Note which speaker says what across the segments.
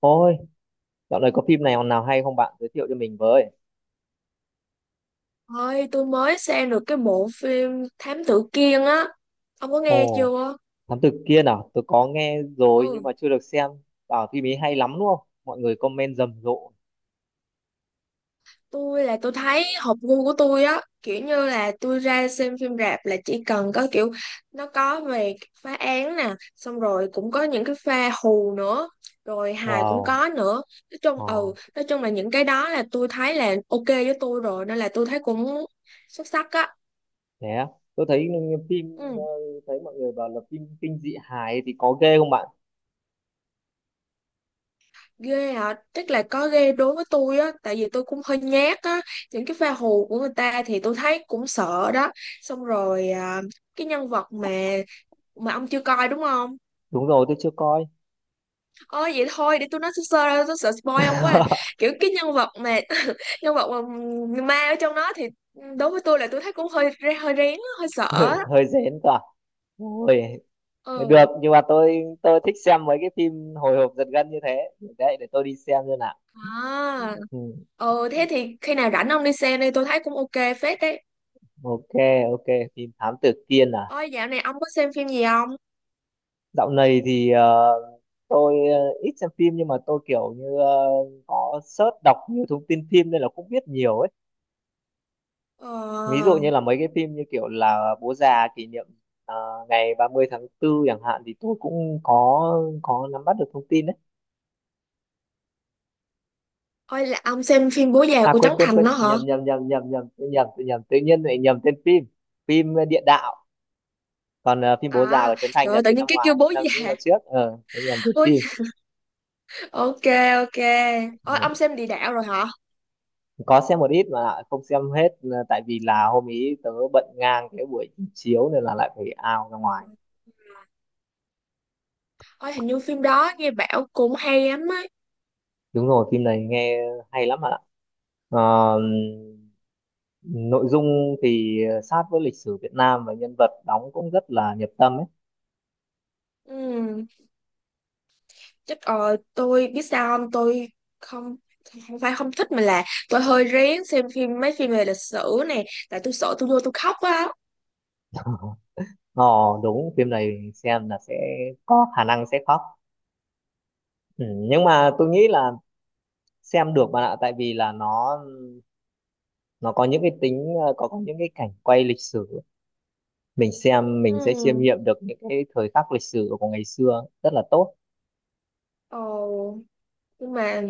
Speaker 1: Ôi, dạo này có phim nào nào hay không bạn giới thiệu cho mình với?
Speaker 2: Ơi, tôi mới xem được cái bộ phim Thám Tử Kiên á. Ông có nghe
Speaker 1: Ồ,
Speaker 2: chưa?
Speaker 1: Thám tử Kiên à? Tôi có nghe rồi nhưng
Speaker 2: Ừ,
Speaker 1: mà chưa được xem. Bảo phim ấy hay lắm đúng không? Mọi người comment rầm rộ.
Speaker 2: tôi thấy hợp gu của tôi á. Kiểu như là tôi ra xem phim rạp là chỉ cần có kiểu nó có về phá án nè. Xong rồi cũng có những cái pha hù nữa. Rồi hài cũng
Speaker 1: Wow,
Speaker 2: có nữa. Nói chung,
Speaker 1: ờ,
Speaker 2: nói chung là những cái đó là tôi thấy là ok với tôi rồi. Nên là tôi thấy cũng xuất sắc á.
Speaker 1: thế á. Tôi thấy phim,
Speaker 2: Ừ.
Speaker 1: thấy mọi người bảo là phim kinh dị hài thì có ghê không bạn?
Speaker 2: Ghê hả? Tức là có ghê đối với tôi á, tại vì tôi cũng hơi nhát á. Những cái pha hù của người ta thì tôi thấy cũng sợ đó. Xong rồi cái nhân vật mà ông chưa coi đúng không?
Speaker 1: Đúng rồi, tôi chưa coi.
Speaker 2: Ôi vậy thôi, để tôi nói sơ sơ ra tôi sợ spoil ông quá à. Kiểu cái nhân vật mà nhân vật mà người ma ở trong đó thì đối với tôi là tôi thấy cũng hơi hơi rén á, hơi sợ
Speaker 1: Hơi,
Speaker 2: á.
Speaker 1: hơi rén cả. Ôi, được,
Speaker 2: Ừ.
Speaker 1: nhưng mà tôi thích xem mấy cái phim hồi hộp giật gân như thế. Đấy, để tôi đi xem nào.
Speaker 2: À.
Speaker 1: Ừ.
Speaker 2: Ừ, thế thì khi nào rảnh ông đi xem đi, tôi thấy cũng ok phết đấy.
Speaker 1: Ok, ok, phim Thám Tử Kiên à.
Speaker 2: Ôi dạo này ông có xem phim gì không?
Speaker 1: Dạo này thì tôi ít xem phim nhưng mà tôi kiểu như có search đọc nhiều thông tin phim nên là cũng biết nhiều ấy. Ví dụ
Speaker 2: ờ
Speaker 1: như là mấy cái phim như kiểu là Bố già kỷ niệm ờ, ngày 30 tháng tư chẳng hạn thì tôi cũng có nắm bắt được thông tin đấy.
Speaker 2: Ôi là ông xem phim Bố già
Speaker 1: À
Speaker 2: của Trấn
Speaker 1: quên quên
Speaker 2: Thành
Speaker 1: quên,
Speaker 2: đó hả?
Speaker 1: nhầm nhầm nhầm nhầm nhầm, tôi nhầm, tự nhiên lại nhầm tên phim. Phim Địa đạo. Còn phim Bố già của
Speaker 2: À,
Speaker 1: Trấn Thành
Speaker 2: trời
Speaker 1: là
Speaker 2: ơi, tự
Speaker 1: từ
Speaker 2: nhiên
Speaker 1: năm
Speaker 2: cái kêu
Speaker 1: ngoái,
Speaker 2: bố
Speaker 1: những năm
Speaker 2: già.
Speaker 1: trước. Ờ, tôi nhầm tên
Speaker 2: Bố...
Speaker 1: phim.
Speaker 2: Ok, ok. Ôi, ông
Speaker 1: Ừ.
Speaker 2: xem Địa Đạo rồi hả?
Speaker 1: Có xem một ít mà lại không xem hết, tại vì là hôm ý tớ bận ngang cái buổi chiếu nên là lại phải ao ra ngoài.
Speaker 2: Ôi, hình như phim đó nghe bảo cũng hay lắm á.
Speaker 1: Đúng rồi, phim này nghe hay lắm bạn ạ. Ờ, nội dung thì sát với lịch sử Việt Nam và nhân vật đóng cũng rất là nhập tâm ấy.
Speaker 2: Ừ, chắc tôi biết sao không? Tôi không, không phải không thích mà là tôi hơi rén xem phim mấy phim về lịch sử này, tại tôi sợ tôi vô tôi khóc á.
Speaker 1: ờ đúng, phim này xem là sẽ có khả năng sẽ khóc. Ừ, nhưng mà tôi nghĩ là xem được bạn ạ, tại vì là nó có những cái tính có những cái cảnh quay lịch sử, mình xem mình sẽ chiêm
Speaker 2: Ừ.
Speaker 1: nghiệm được những cái thời khắc lịch sử của ngày xưa rất là tốt.
Speaker 2: Ồ. Nhưng mà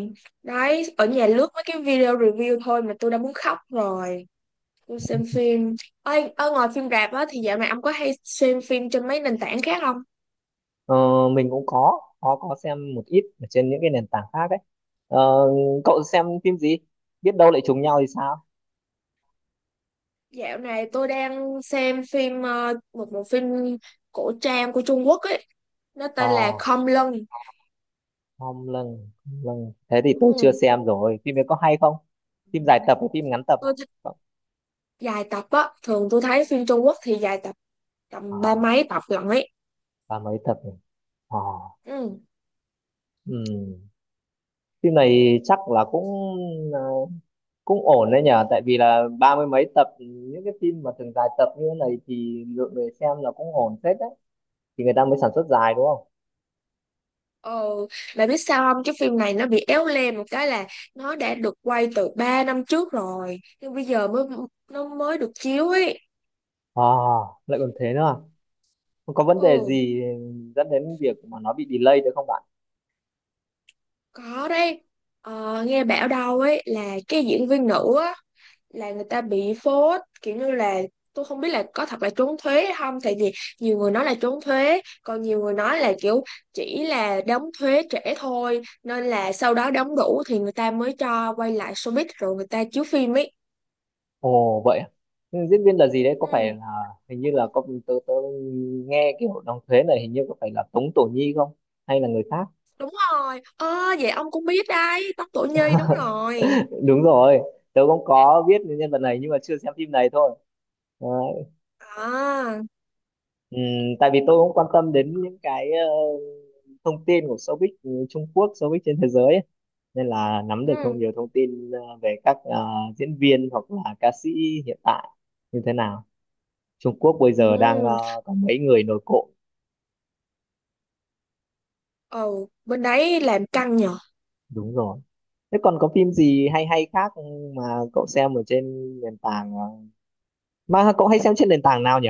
Speaker 2: đấy, ở nhà lướt mấy cái video review thôi mà tôi đã muốn khóc rồi. Tôi xem phim. Ôi, ở ngoài phim rạp á thì dạo này ông có hay xem phim trên mấy nền tảng khác không?
Speaker 1: ờ, mình cũng có xem một ít ở trên những cái nền tảng khác ấy. ờ, cậu xem phim gì, biết đâu lại trùng nhau thì sao?
Speaker 2: Dạo này tôi đang xem phim một bộ phim cổ trang của Trung Quốc ấy, nó
Speaker 1: ờ
Speaker 2: tên là Khom Lưng.
Speaker 1: Hom lần Hom, thế thì tôi chưa
Speaker 2: Ừ.
Speaker 1: xem rồi. Phim ấy có hay không? Phim dài tập hay phim ngắn tập hả?
Speaker 2: Tôi thích
Speaker 1: Cậu-
Speaker 2: dài tập á, thường tôi thấy phim Trung Quốc thì dài tập tầm ba
Speaker 1: ờ
Speaker 2: mấy tập lận ấy.
Speaker 1: ba mấy tập nhỉ? ờ
Speaker 2: Ừ.
Speaker 1: ừ. Phim này chắc là cũng ờ, cũng ổn đấy nhở, tại vì là ba mươi mấy tập. Những cái phim mà thường dài tập như thế này thì lượng người xem là cũng ổn phết đấy, thì người ta mới sản xuất dài đúng không.
Speaker 2: Ờ, bà biết sao không? Cái phim này nó bị éo le một cái là nó đã được quay từ 3 năm trước rồi, nhưng bây giờ mới nó mới được chiếu ấy.
Speaker 1: À, lại còn thế nữa à? Không có vấn đề
Speaker 2: Ừ.
Speaker 1: gì dẫn đến việc mà nó bị delay được không bạn?
Speaker 2: Có đấy. Ờ, nghe bảo đâu ấy là cái diễn viên nữ á là người ta bị phốt kiểu như là tôi không biết là có thật là trốn thuế hay không, tại vì nhiều người nói là trốn thuế, còn nhiều người nói là kiểu chỉ là đóng thuế trễ thôi, nên là sau đó đóng đủ thì người ta mới cho quay lại showbiz rồi người ta chiếu phim ấy.
Speaker 1: Ồ vậy à? Nhưng diễn viên là gì đấy có phải
Speaker 2: Ừ.
Speaker 1: là, hình như là có, tớ nghe cái hội đồng thuế này hình như có phải là Tống Tổ Nhi không hay là người khác?
Speaker 2: Đúng rồi, ơ vậy ông cũng biết đấy, Tóc Tổ Nhi đúng rồi.
Speaker 1: Đúng rồi, tớ cũng có biết nhân vật này nhưng mà chưa xem phim này thôi.
Speaker 2: À.
Speaker 1: Ừm, tại vì tôi cũng quan tâm đến những cái thông tin của showbiz, ừ, Trung Quốc, showbiz trên thế giới ấy. Nên là nắm được
Speaker 2: ừ
Speaker 1: nhiều thông tin về các diễn viên hoặc là ca sĩ hiện tại như thế nào. Trung Quốc bây giờ đang
Speaker 2: ừ.
Speaker 1: có mấy người nổi cộm,
Speaker 2: Ừ, bên đấy làm căng nhở.
Speaker 1: đúng rồi. Thế còn có phim gì hay hay khác mà cậu xem ở trên nền tảng mà cậu hay xem trên nền tảng nào nhỉ?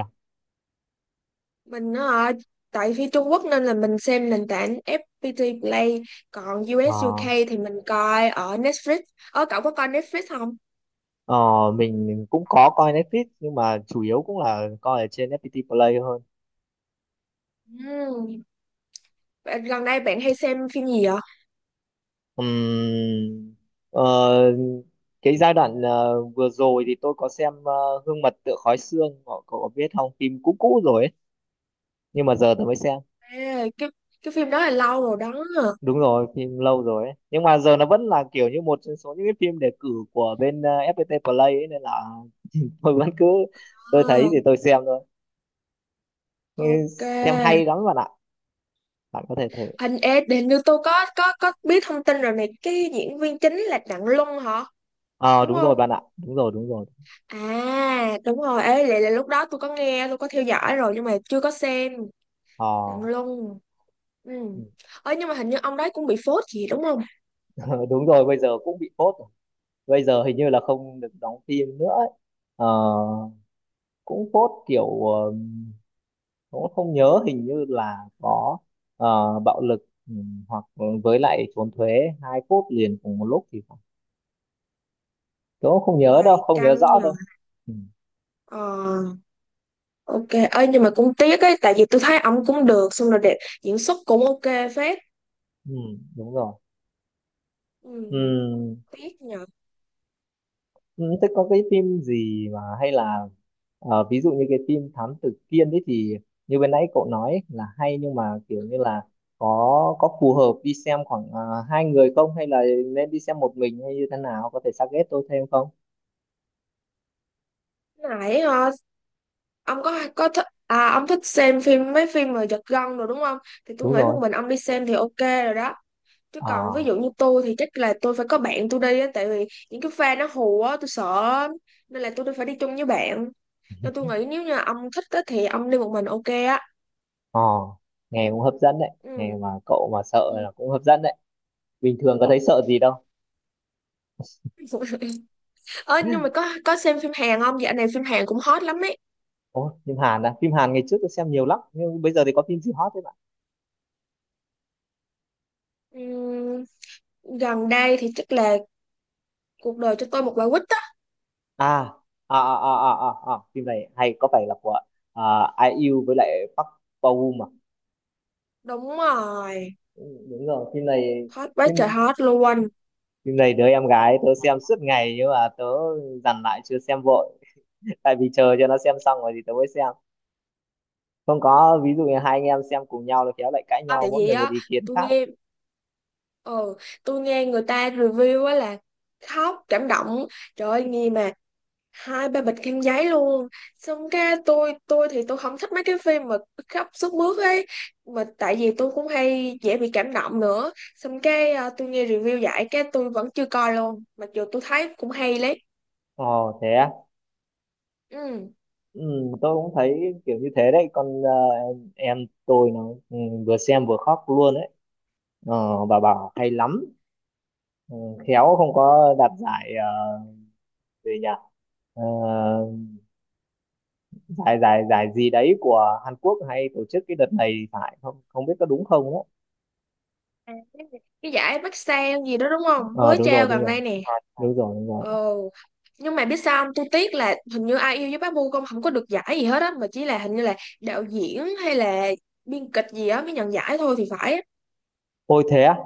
Speaker 2: Mình nó, tại phía Trung Quốc nên là mình xem nền tảng FPT Play, còn
Speaker 1: Ờ,
Speaker 2: US UK thì mình coi ở Netflix. Ờ cậu có coi Netflix không?
Speaker 1: ờ, mình cũng có coi Netflix nhưng mà chủ yếu cũng là coi ở trên FPT Play.
Speaker 2: Ừm, gần đây bạn hay xem phim gì vậy?
Speaker 1: Ừm, ờ, cái giai đoạn vừa rồi thì tôi có xem Gương mặt tựa khói xương. Cậu có biết không? Phim cũ cũ rồi ấy nhưng mà giờ tôi mới xem.
Speaker 2: Ê, cái phim đó là lâu rồi đó.
Speaker 1: Đúng rồi, phim lâu rồi ấy, nhưng mà giờ nó vẫn là kiểu như một trong số những cái phim đề cử của bên FPT Play ấy, nên là tôi vẫn cứ, tôi thấy
Speaker 2: Ờ,
Speaker 1: thì tôi xem thôi. Nghe-
Speaker 2: ok.
Speaker 1: xem hay lắm bạn ạ, bạn có thể thử.
Speaker 2: Hình ê, hình như tôi có biết thông tin rồi này, cái diễn viên chính là Đặng Luân hả,
Speaker 1: Ờ
Speaker 2: đúng
Speaker 1: Đúng rồi
Speaker 2: không?
Speaker 1: bạn ạ, đúng rồi đúng rồi.
Speaker 2: À đúng rồi, ê lại là lúc đó tôi có nghe tôi có theo dõi rồi nhưng mà chưa có xem.
Speaker 1: ờ
Speaker 2: Đặng Luân. Ừ. Ơi nhưng mà hình như ông đấy cũng bị phốt gì đúng không?
Speaker 1: đúng rồi, bây giờ cũng bị phốt, bây giờ hình như là không được đóng phim nữa ấy. Ờ, cũng phốt kiểu cũng không nhớ, hình như là có bạo lực, ừ, hoặc với lại trốn thuế, hai phút liền cùng một lúc thì phải. Tôi cũng không nhớ đâu,
Speaker 2: Hoài
Speaker 1: không nhớ
Speaker 2: căng
Speaker 1: rõ
Speaker 2: nhờ.
Speaker 1: đâu. Ừ,
Speaker 2: Ờ, ok. Ơi nhưng mà cũng tiếc ấy, tại vì tôi thấy ông cũng được, xong rồi đẹp, diễn xuất cũng ok phết.
Speaker 1: ừ, đúng rồi.
Speaker 2: Ừ.
Speaker 1: Ừ,
Speaker 2: Tiếc nhờ.
Speaker 1: ừ, thế có cái phim gì mà hay là ví dụ như cái phim Thám Tử Kiên đấy thì như bên nãy cậu nói là hay, nhưng mà kiểu như là có phù hợp đi xem khoảng hai người không, hay là nên đi xem một mình, hay như thế nào, có thể suggest tôi thêm không?
Speaker 2: Nãy ông có thích à, ông thích xem phim mấy phim mà giật gân rồi đúng không, thì tôi
Speaker 1: Đúng
Speaker 2: nghĩ
Speaker 1: rồi.
Speaker 2: một mình ông đi xem thì ok rồi đó. Chứ còn ví
Speaker 1: Ờ,
Speaker 2: dụ như tôi thì chắc là tôi phải có bạn tôi đi á, tại vì những cái pha nó hù á, tôi sợ lắm. Nên là tôi phải đi chung với bạn. Nên tôi nghĩ nếu như ông thích á, thì ông đi một mình ok á.
Speaker 1: ờ, nghe cũng hấp dẫn đấy.
Speaker 2: Ừ.
Speaker 1: Nghe mà cậu mà sợ
Speaker 2: Ừ.
Speaker 1: là cũng hấp dẫn đấy. Bình thường có thấy sợ gì đâu.
Speaker 2: Ơ nhưng mà có xem phim Hàn không? Dạo này phim Hàn cũng hot lắm ấy.
Speaker 1: Ồ, phim Hàn à? Phim Hàn ngày trước tôi xem nhiều lắm. Nhưng bây giờ thì có phim gì hot?
Speaker 2: Ừm, gần đây thì chắc là cuộc đời cho tôi một quả quýt á.
Speaker 1: à phim này hay, có phải là của à, Ai yêu với lại Park Bo Gum à?
Speaker 2: Đúng rồi.
Speaker 1: Ừ, đúng rồi, phim này
Speaker 2: Hot quá
Speaker 1: phim
Speaker 2: trời hot luôn.
Speaker 1: phim này đứa em gái tớ xem suốt ngày nhưng mà tớ dằn lại chưa xem vội, tại vì chờ cho nó xem xong rồi thì tớ mới xem. Không, có ví dụ như hai anh em xem cùng nhau là khéo lại cãi
Speaker 2: À,
Speaker 1: nhau,
Speaker 2: tại
Speaker 1: mỗi
Speaker 2: vì
Speaker 1: người một
Speaker 2: á,
Speaker 1: ý kiến
Speaker 2: tôi
Speaker 1: khác.
Speaker 2: nghe, ừ, tôi nghe người ta review á là khóc cảm động. Trời ơi nghe mà hai ba bịch khăn giấy luôn. Xong cái tôi thì tôi không thích mấy cái phim mà khóc sướt mướt ấy, mà tại vì tôi cũng hay dễ bị cảm động nữa, xong cái tôi nghe review giải cái tôi vẫn chưa coi luôn, mặc dù tôi thấy cũng hay lấy.
Speaker 1: Ồ thế á.
Speaker 2: Ừ.
Speaker 1: Ừ, tôi cũng thấy kiểu như thế đấy. Con em tôi nó, ừ, vừa xem vừa khóc luôn đấy. Bà bảo hay lắm. Ừ, khéo không có đạt giải uh, gì nhỉ? Ờ, giải giải giải gì đấy của Hàn Quốc hay tổ chức cái đợt này phải không, không biết có đúng không á?
Speaker 2: À, cái giải Bắc Sang gì đó đúng không,
Speaker 1: Ờ
Speaker 2: mới
Speaker 1: Đúng rồi
Speaker 2: trao
Speaker 1: đúng
Speaker 2: gần
Speaker 1: rồi,
Speaker 2: đây nè.
Speaker 1: đúng rồi đúng rồi.
Speaker 2: Ồ, nhưng mà biết sao không, tôi tiếc là hình như Ai yêu với Bá Bô không, không có được giải gì hết á, mà chỉ là hình như là đạo diễn hay là biên kịch gì á mới nhận giải thôi thì phải á.
Speaker 1: Ôi thế á.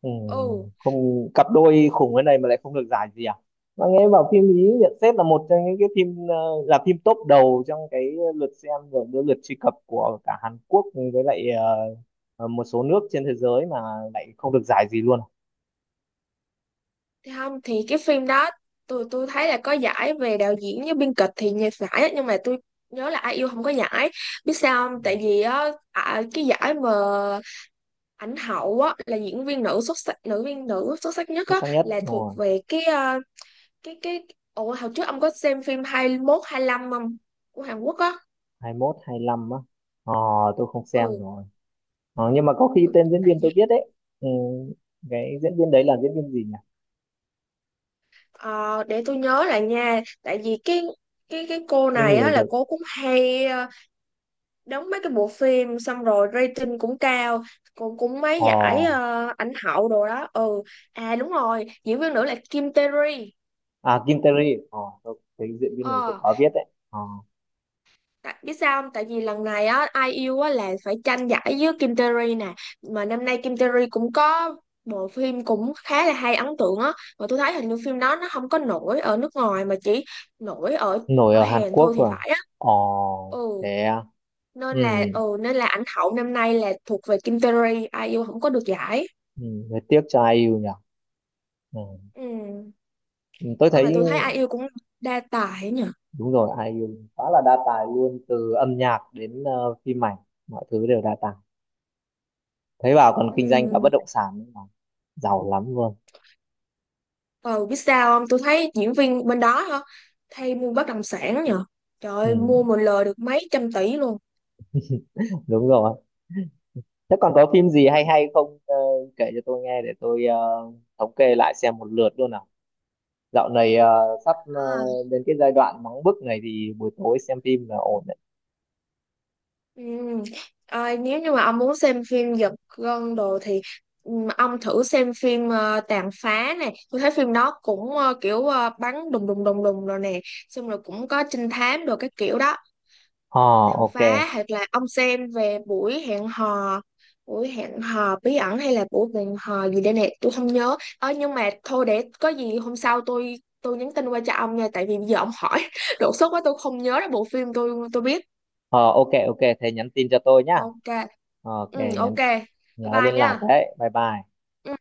Speaker 1: Ừ,
Speaker 2: Ừ.
Speaker 1: không, cặp đôi khủng cái này mà lại không được giải gì à? Mà nghe bảo phim ý nhận xét là một trong những cái phim là phim top đầu trong cái lượt xem rồi cái lượt truy cập của cả Hàn Quốc với lại một số nước trên thế giới mà lại không được giải gì luôn.
Speaker 2: Thì không, thì cái phim đó tôi thấy là có giải về đạo diễn với biên kịch thì nhiều giải á, nhưng mà tôi nhớ là ai yêu không có giải. Biết sao không, tại vì á, cái giải mà ảnh hậu á là diễn viên nữ xuất sắc, nữ viên nữ xuất sắc nhất
Speaker 1: Xuất
Speaker 2: á
Speaker 1: sắc nhất,
Speaker 2: là
Speaker 1: đúng
Speaker 2: thuộc
Speaker 1: rồi.
Speaker 2: về cái cái ủa hồi trước ông có xem phim 21 lăm không, của Hàn Quốc á?
Speaker 1: Hai mốt, hai 25 á. Ờ, tôi không xem
Speaker 2: Ừ.
Speaker 1: rồi. Ờ, nhưng mà có khi
Speaker 2: Ừ,
Speaker 1: tên diễn
Speaker 2: tại
Speaker 1: viên tôi
Speaker 2: vì
Speaker 1: biết đấy. Ừ, cái diễn viên đấy là diễn viên gì nhỉ?
Speaker 2: ờ, để tôi nhớ lại nha, tại vì cái cô
Speaker 1: Cái
Speaker 2: này á
Speaker 1: người
Speaker 2: là
Speaker 1: được.
Speaker 2: cô cũng hay đóng mấy cái bộ phim xong rồi rating cũng cao, cũng cũng mấy
Speaker 1: Ờ,
Speaker 2: giải ảnh hậu đồ đó. Ừ. À đúng rồi, diễn viên nữ là Kim Tae Ri.
Speaker 1: à Kim Tae-ri. Ờ, tôi, cái diễn viên này tôi
Speaker 2: Ờ,
Speaker 1: có biết đấy. Ờ,
Speaker 2: tại, biết sao không, tại vì lần này á ai yêu á là phải tranh giải với Kim Tae Ri nè, mà năm nay Kim Tae Ri cũng có bộ phim cũng khá là hay, ấn tượng á, mà tôi thấy hình như phim đó nó không có nổi ở nước ngoài mà chỉ nổi ở
Speaker 1: nổi
Speaker 2: ở
Speaker 1: ở Hàn
Speaker 2: Hàn thôi
Speaker 1: Quốc
Speaker 2: thì
Speaker 1: rồi.
Speaker 2: phải á.
Speaker 1: Ờ,
Speaker 2: Ừ.
Speaker 1: thế à? Ừ,
Speaker 2: Nên là nên là ảnh hậu năm nay là thuộc về Kim Terry, ai yêu không có được giải.
Speaker 1: ừ, hơi tiếc cho ai IU nhỉ. Ừ.
Speaker 2: Ừ.
Speaker 1: Ừ, tôi
Speaker 2: Ôi
Speaker 1: thấy
Speaker 2: mà tôi thấy ai yêu cũng đa tài nhỉ.
Speaker 1: đúng rồi, ai IU khá là đa tài luôn, từ âm nhạc đến phim ảnh, mọi thứ đều đa tài. Thấy bảo còn
Speaker 2: Ừ.
Speaker 1: kinh doanh cả bất động sản nữa mà, giàu lắm luôn.
Speaker 2: Ờ biết sao không? Tôi thấy diễn viên bên đó hả? Thay mua bất động sản nhỉ. Trời
Speaker 1: Ừ,
Speaker 2: ơi, mua một lời được mấy trăm tỷ luôn.
Speaker 1: đúng rồi. Thế còn có phim gì hay hay không, kể cho tôi nghe để tôi thống kê lại xem một lượt luôn nào. Dạo này sắp
Speaker 2: À.
Speaker 1: đến cái giai đoạn nóng bức này thì buổi tối xem phim là ổn đấy.
Speaker 2: Ừ. À, nếu như mà ông muốn xem phim giật gân đồ thì ừ, ông thử xem phim Tàn Phá này. Tôi thấy phim đó cũng kiểu bắn đùng đùng đùng đùng rồi nè. Xong rồi cũng có trinh thám đồ cái kiểu đó.
Speaker 1: Ờ,
Speaker 2: Tàn
Speaker 1: ok.
Speaker 2: phá, hoặc là ông xem về buổi hẹn hò, buổi hẹn hò bí ẩn, hay là buổi hẹn hò gì đây nè, tôi không nhớ. Ơ nhưng mà thôi, để có gì hôm sau tôi nhắn tin qua cho ông nha, tại vì bây giờ ông hỏi đột xuất quá tôi không nhớ ra bộ phim tôi biết.
Speaker 1: Ờ, ok ok, thế nhắn tin cho tôi nhá.
Speaker 2: Ok.
Speaker 1: Ờ, ok,
Speaker 2: Ừ, ok.
Speaker 1: nhắn
Speaker 2: Bye
Speaker 1: nhớ
Speaker 2: bye
Speaker 1: liên
Speaker 2: nha.
Speaker 1: lạc đấy. Bye bye.
Speaker 2: Ừ.